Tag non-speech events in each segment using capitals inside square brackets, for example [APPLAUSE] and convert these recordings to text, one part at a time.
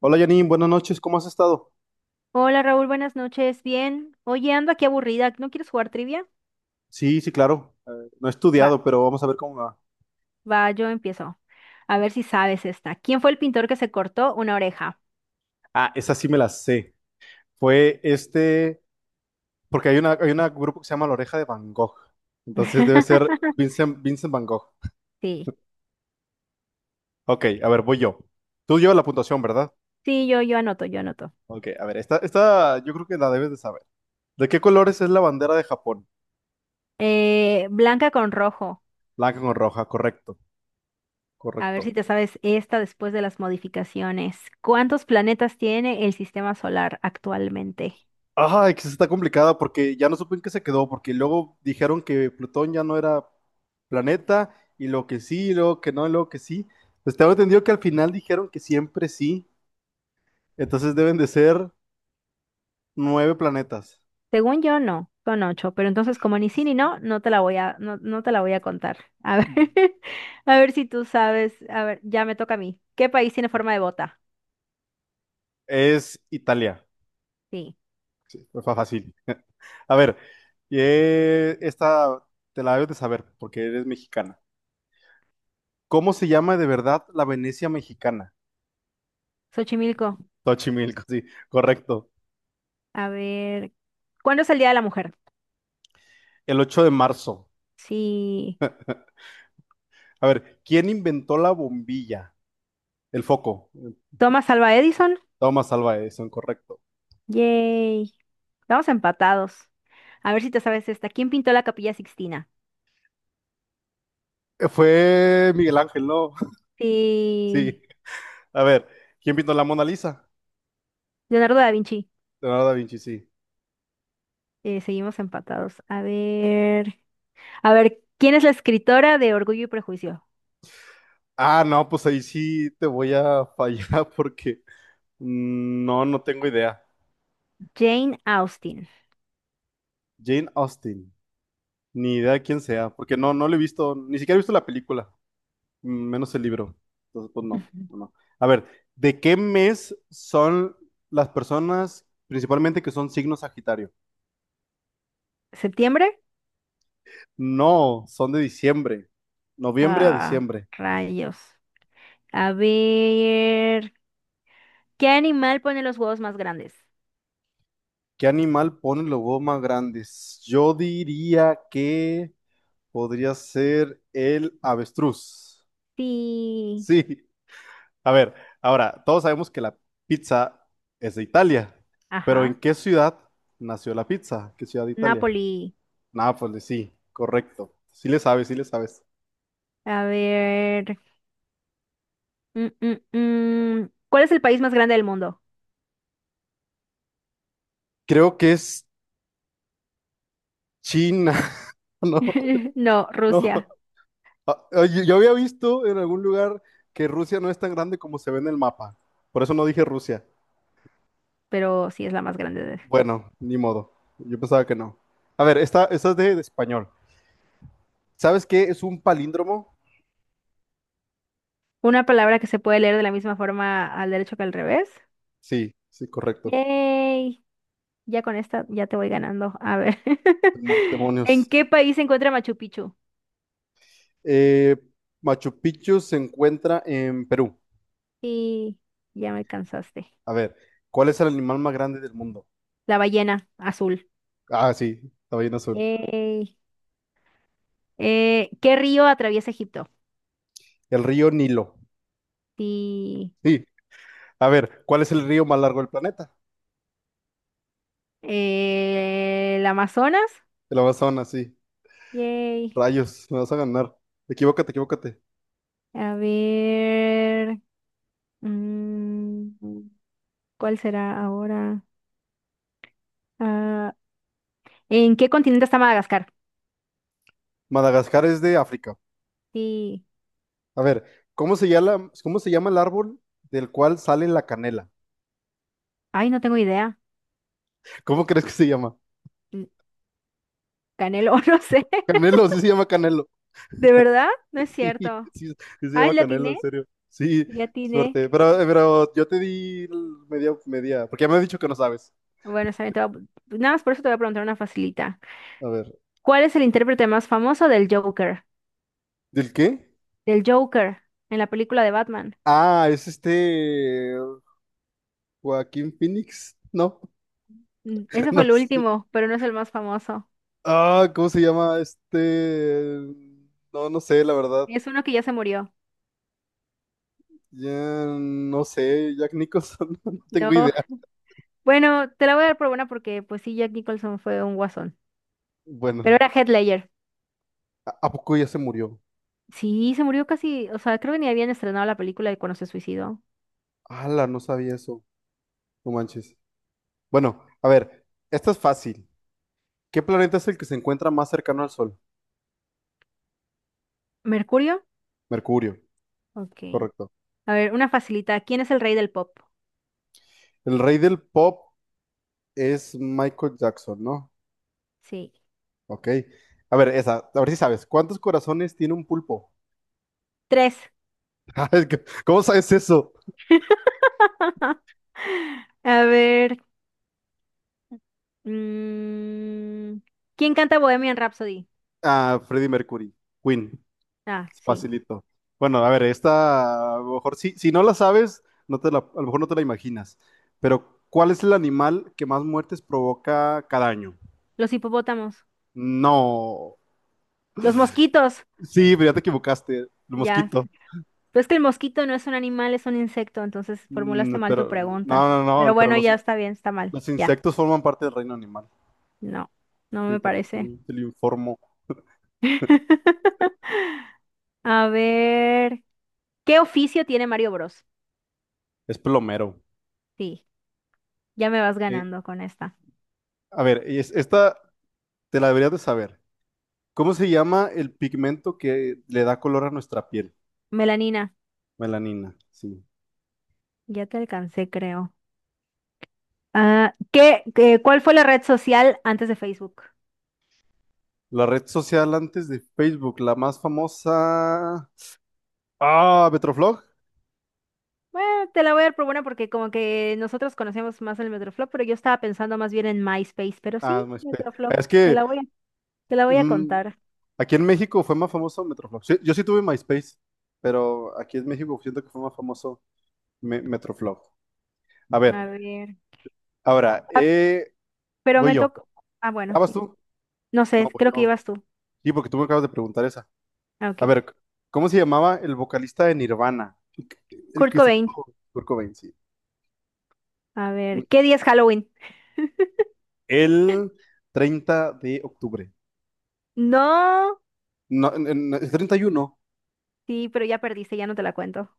Hola Janine, buenas noches, ¿cómo has estado? Hola Raúl, buenas noches. Bien. Oye, ando aquí aburrida. ¿No quieres jugar trivia? Sí, sí, claro. No he Va, estudiado, pero vamos a ver cómo me va. va, yo empiezo. A ver si sabes esta. ¿Quién fue el pintor que se cortó una oreja? Ah, esa sí me la sé. Fue este, Porque hay un grupo que se llama La Oreja de Van Gogh. Entonces debe ser [LAUGHS] Vincent Van Gogh. Sí, Ok, a ver, voy yo. Tú llevas la puntuación, ¿verdad? sí, yo anoto, yo anoto. Ok, a ver, esta yo creo que la debes de saber. ¿De qué colores es la bandera de Japón? Blanca con rojo. Blanca con roja, correcto, A ver si correcto. te sabes esta después de las modificaciones. ¿Cuántos planetas tiene el sistema solar actualmente? Ay, que sí está complicada porque ya no supe en qué se quedó, porque luego dijeron que Plutón ya no era planeta, y lo que sí, y luego que no, y luego que sí. Pues tengo entendido que al final dijeron que siempre sí, entonces deben de ser nueve planetas. Según yo, no, son ocho, pero entonces como ni sí ni no, no te la voy a, no, no te la voy a contar. A ver, [LAUGHS] a ver si tú sabes, a ver, ya me toca a mí. ¿Qué país tiene forma de bota? Es Italia, Sí, fue fácil. A ver, esta te la debes de saber porque eres mexicana. ¿Cómo se llama de verdad la Venecia mexicana? Xochimilco. Xochimilco, sí, correcto. A ver, ¿cuándo es el Día de la Mujer? El 8 de marzo. Sí, A ver, ¿quién inventó la bombilla? El foco. Thomas Alva Edison. Toma salva eso, correcto. Yay, estamos empatados. A ver si te sabes esta. ¿Quién pintó la Capilla Sixtina? Fue Miguel Ángel, ¿no? [LAUGHS] Sí. Sí, A ver, ¿quién pintó la Mona Lisa? Leonardo da Vinci. Leonardo da Vinci, sí. Seguimos empatados. A ver, ¿quién es la escritora de Orgullo y Prejuicio? Ah, no, pues ahí sí te voy a fallar [LAUGHS] porque no, no tengo idea. Jane Austen. Jane Austen, ni idea de quién sea, porque no, no lo he visto, ni siquiera he visto la película, menos el libro. Entonces, pues no, Ujú. no. No. A ver, ¿de qué mes son las personas, principalmente que son signos Sagitario? ¿Septiembre? No, son de diciembre. Noviembre a Ah, diciembre. rayos. A ver, ¿qué animal pone los huevos más grandes? ¿Qué animal pone los huevos más grandes? Yo diría que podría ser el avestruz. Sí, Sí. A ver, ahora, todos sabemos que la pizza es de Italia, pero ajá. ¿en qué ciudad nació la pizza? ¿Qué ciudad de Italia? Napoli. Nápoles, sí, correcto. Sí le sabes, sí le sabes. A ver, mm, mm, ¿cuál es el país más grande del mundo? Creo que es China. [LAUGHS] No, [LAUGHS] No, no. Rusia, Ah, oye, yo había visto en algún lugar que Rusia no es tan grande como se ve en el mapa. Por eso no dije Rusia. pero sí es la más grande de... Bueno, ni modo. Yo pensaba que no. A ver, esta es de español. ¿Sabes qué es un palíndromo? Una palabra que se puede leer de la misma forma al derecho que al revés. Sí, sí, correcto. Yay. Ya con esta ya te voy ganando. A ver. [LAUGHS] ¿En Demonios. qué país se encuentra Machu Picchu? Eh, Machu Picchu se encuentra en Perú. Y ya me cansaste. A ver, ¿cuál es el animal más grande del mundo? La ballena azul. Ah, sí, la ballena azul. Ey. ¿Qué río atraviesa Egipto? El río Nilo. Sí. Sí. A ver, ¿cuál es el río más largo del planeta? ¿El Amazonas? El Amazonas, sí. Yay. Rayos, me vas a ganar. Equivócate, equivócate. A ver. mm, ¿Cuál será ahora? Ah, ¿en qué continente está Madagascar? Madagascar es de África. Sí. A ver, ¿cómo se llama el árbol del cual sale la canela? Ay, no tengo idea. ¿Cómo crees que se llama? N- Canelo, [LAUGHS] no sé. Canelo, sí se llama Canelo. [LAUGHS] ¿De verdad? No es Sí, sí, cierto. sí se Ay, llama la Canelo, en atiné. serio. Sí, La atiné. suerte. Pero yo te di el media, media, porque ya me has dicho que no sabes. Bueno, está bien, te voy a- Nada más por eso te voy a preguntar una facilita. A ver, ¿Cuál es el intérprete más famoso del Joker? ¿del qué? Del Joker en la película de Batman. Ah, es Joaquín Phoenix. No, [LAUGHS] Ese fue no el sé. último, pero no es el más famoso. Ah, ¿cómo se llama este? No, no sé, la verdad. Es uno que ya se murió. Ya no sé, Jack Nicholson, [LAUGHS] no No. tengo idea. [LAUGHS] Bueno, te la voy a dar por buena porque pues sí, Jack Nicholson fue un guasón. Pero Bueno, era Heath Ledger. A poco ya se murió? Sí, se murió casi, o sea, creo que ni habían estrenado la película de cuando se suicidó. Ala, no sabía eso. No manches. Bueno, a ver, esta es fácil. ¿Qué planeta es el que se encuentra más cercano al Sol? ¿Mercurio? Mercurio, Ok. correcto. A ver, una facilita. ¿Quién es el rey del pop? El rey del pop es Michael Jackson, ¿no? Sí. Ok. A ver, esa, a ver si sabes. ¿Cuántos corazones tiene un pulpo? Tres. [LAUGHS] Es ¿cómo sabes eso? [LAUGHS] A ver. mm, ¿Quién canta Bohemian Rhapsody? Ah, Freddie Mercury, Queen. Ah, sí. Facilito. Bueno, a ver, esta, a lo mejor si no la sabes, no te la, a lo mejor no te la imaginas. Pero, ¿cuál es el animal que más muertes provoca cada año? Los hipopótamos. No. Los mosquitos. Sí, pero ya te equivocaste. El Ya. mosquito. Pero es que el mosquito no es un animal, es un insecto, entonces formulaste Mm, mal tu pero, no, pregunta. no, Pero no, pero bueno, ya está bien, está mal. los Ya. insectos forman parte del reino animal. No, no Sí, me parece. Te lo informo. [LAUGHS] A ver, ¿qué oficio tiene Mario Bros? Es plomero. Sí, ya me vas Eh, ganando con esta. a ver, esta te la deberías de saber. ¿Cómo se llama el pigmento que le da color a nuestra piel? Melanina, Melanina, sí. ya te alcancé, creo. Ah, ¿ cuál fue la red social antes de Facebook? La red social antes de Facebook, la más famosa. Ah, Metroflog. Bueno, te la voy a dar por buena porque como que nosotros conocemos más el Metroflog, pero yo estaba pensando más bien en MySpace, pero Ah, sí, MySpace. Metroflog, Es que te la voy a mm, contar. aquí en México fue más famoso Metroflog. Sí, yo sí tuve MySpace, pero aquí en México siento que fue más famoso Metroflog. A ver, A ver. ahora, Ah, pero voy me yo. tocó. Ah, ¿Ah, bueno, vas sí. tú? No No, sé, voy creo que yo. ibas tú. Sí, porque tú me acabas de preguntar esa. Ah, A ok. ver, ¿cómo se llamaba el vocalista de Nirvana? El Kurt que se Cobain. hizo Kurt Cobain, sí. A ver, ¿qué día es Halloween? El 30 de octubre. No. No, es 31. Sí, pero ya perdiste, ya no te la cuento.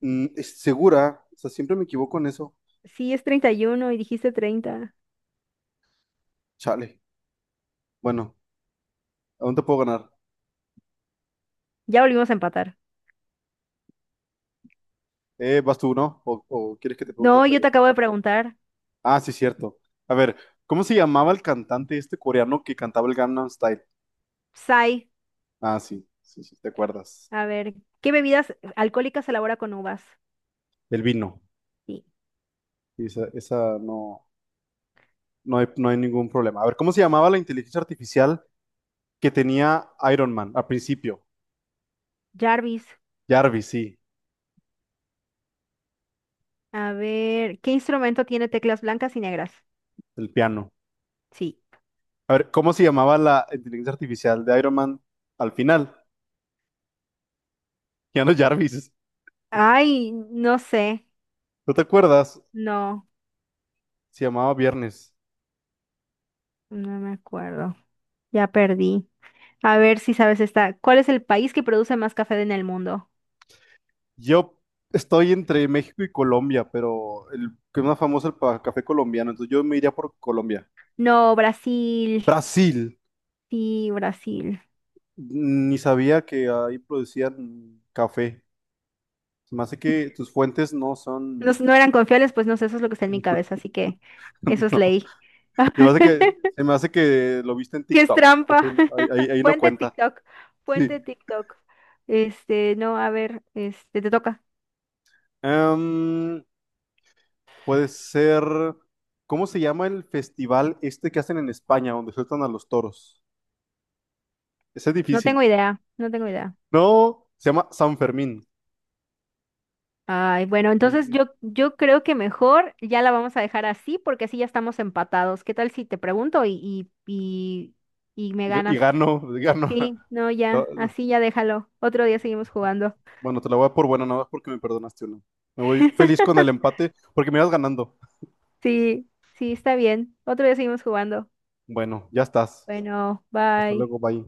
Mm, es segura. O sea, siempre me equivoco en eso. Sí, es 31 y dijiste 30. Chale. Bueno, aún te puedo ganar. Ya volvimos a empatar. ¿Vas tú, no? O quieres que te pregunte No, otra yo yo? te acabo de preguntar. Ah, sí, cierto. A ver, ¿cómo se llamaba el cantante este coreano que cantaba el Gangnam Style? Sai, Ah, sí, sí, sí, te acuerdas. a ver, ¿qué bebidas alcohólicas se elabora con uvas? El vino. Sí. Y esa no, no hay, no hay ningún problema. A ver, ¿cómo se llamaba la inteligencia artificial que tenía Iron Man al principio? Jarvis. Jarvis, sí, A ver, ¿qué instrumento tiene teclas blancas y negras? el piano. Sí. A ver, ¿cómo se llamaba la inteligencia artificial de Iron Man al final? Keanu Jarvis. Ay, no sé. ¿No te acuerdas? No, Se llamaba Viernes. no me acuerdo. Ya perdí. A ver si sabes esta. ¿Cuál es el país que produce más café en el mundo? Yo estoy entre México y Colombia, pero el que es más famoso es el café colombiano, entonces yo me iría por Colombia. No, Brasil. Brasil. Sí, Brasil. Ni sabía que ahí producían café. Se me hace que tus fuentes no No, son... no eran confiables, pues no sé, eso es lo que está en mi cabeza, [LAUGHS] así que eso es No. ley. Se me hace que, [LAUGHS] se me hace que lo viste en ¿Qué es TikTok. Ese trampa? no- [LAUGHS] ahí no Puente cuenta. TikTok. Sí. Puente TikTok. Este, no, a ver, este, te toca. Em, Puede ser, ¿cómo se llama el festival este que hacen en España, donde sueltan a los toros? Ese es No tengo difícil. idea, no tengo idea. No, se llama San Fermín. Ay, bueno, entonces Y, yo, creo que mejor ya la vamos a dejar así porque así ya estamos empatados. ¿Qué tal si te pregunto y me y ganas? gano, y gano. Sí, no, ya, [LAUGHS] así ya déjalo. Otro día seguimos jugando. Bueno, te la voy a dar por buena, nada más porque me perdonaste uno. Me voy feliz con el [LAUGHS] empate porque me ibas ganando. Sí, sí, está bien. Otro día seguimos jugando. Bueno, ya estás. Bueno, Hasta bye. luego, bye.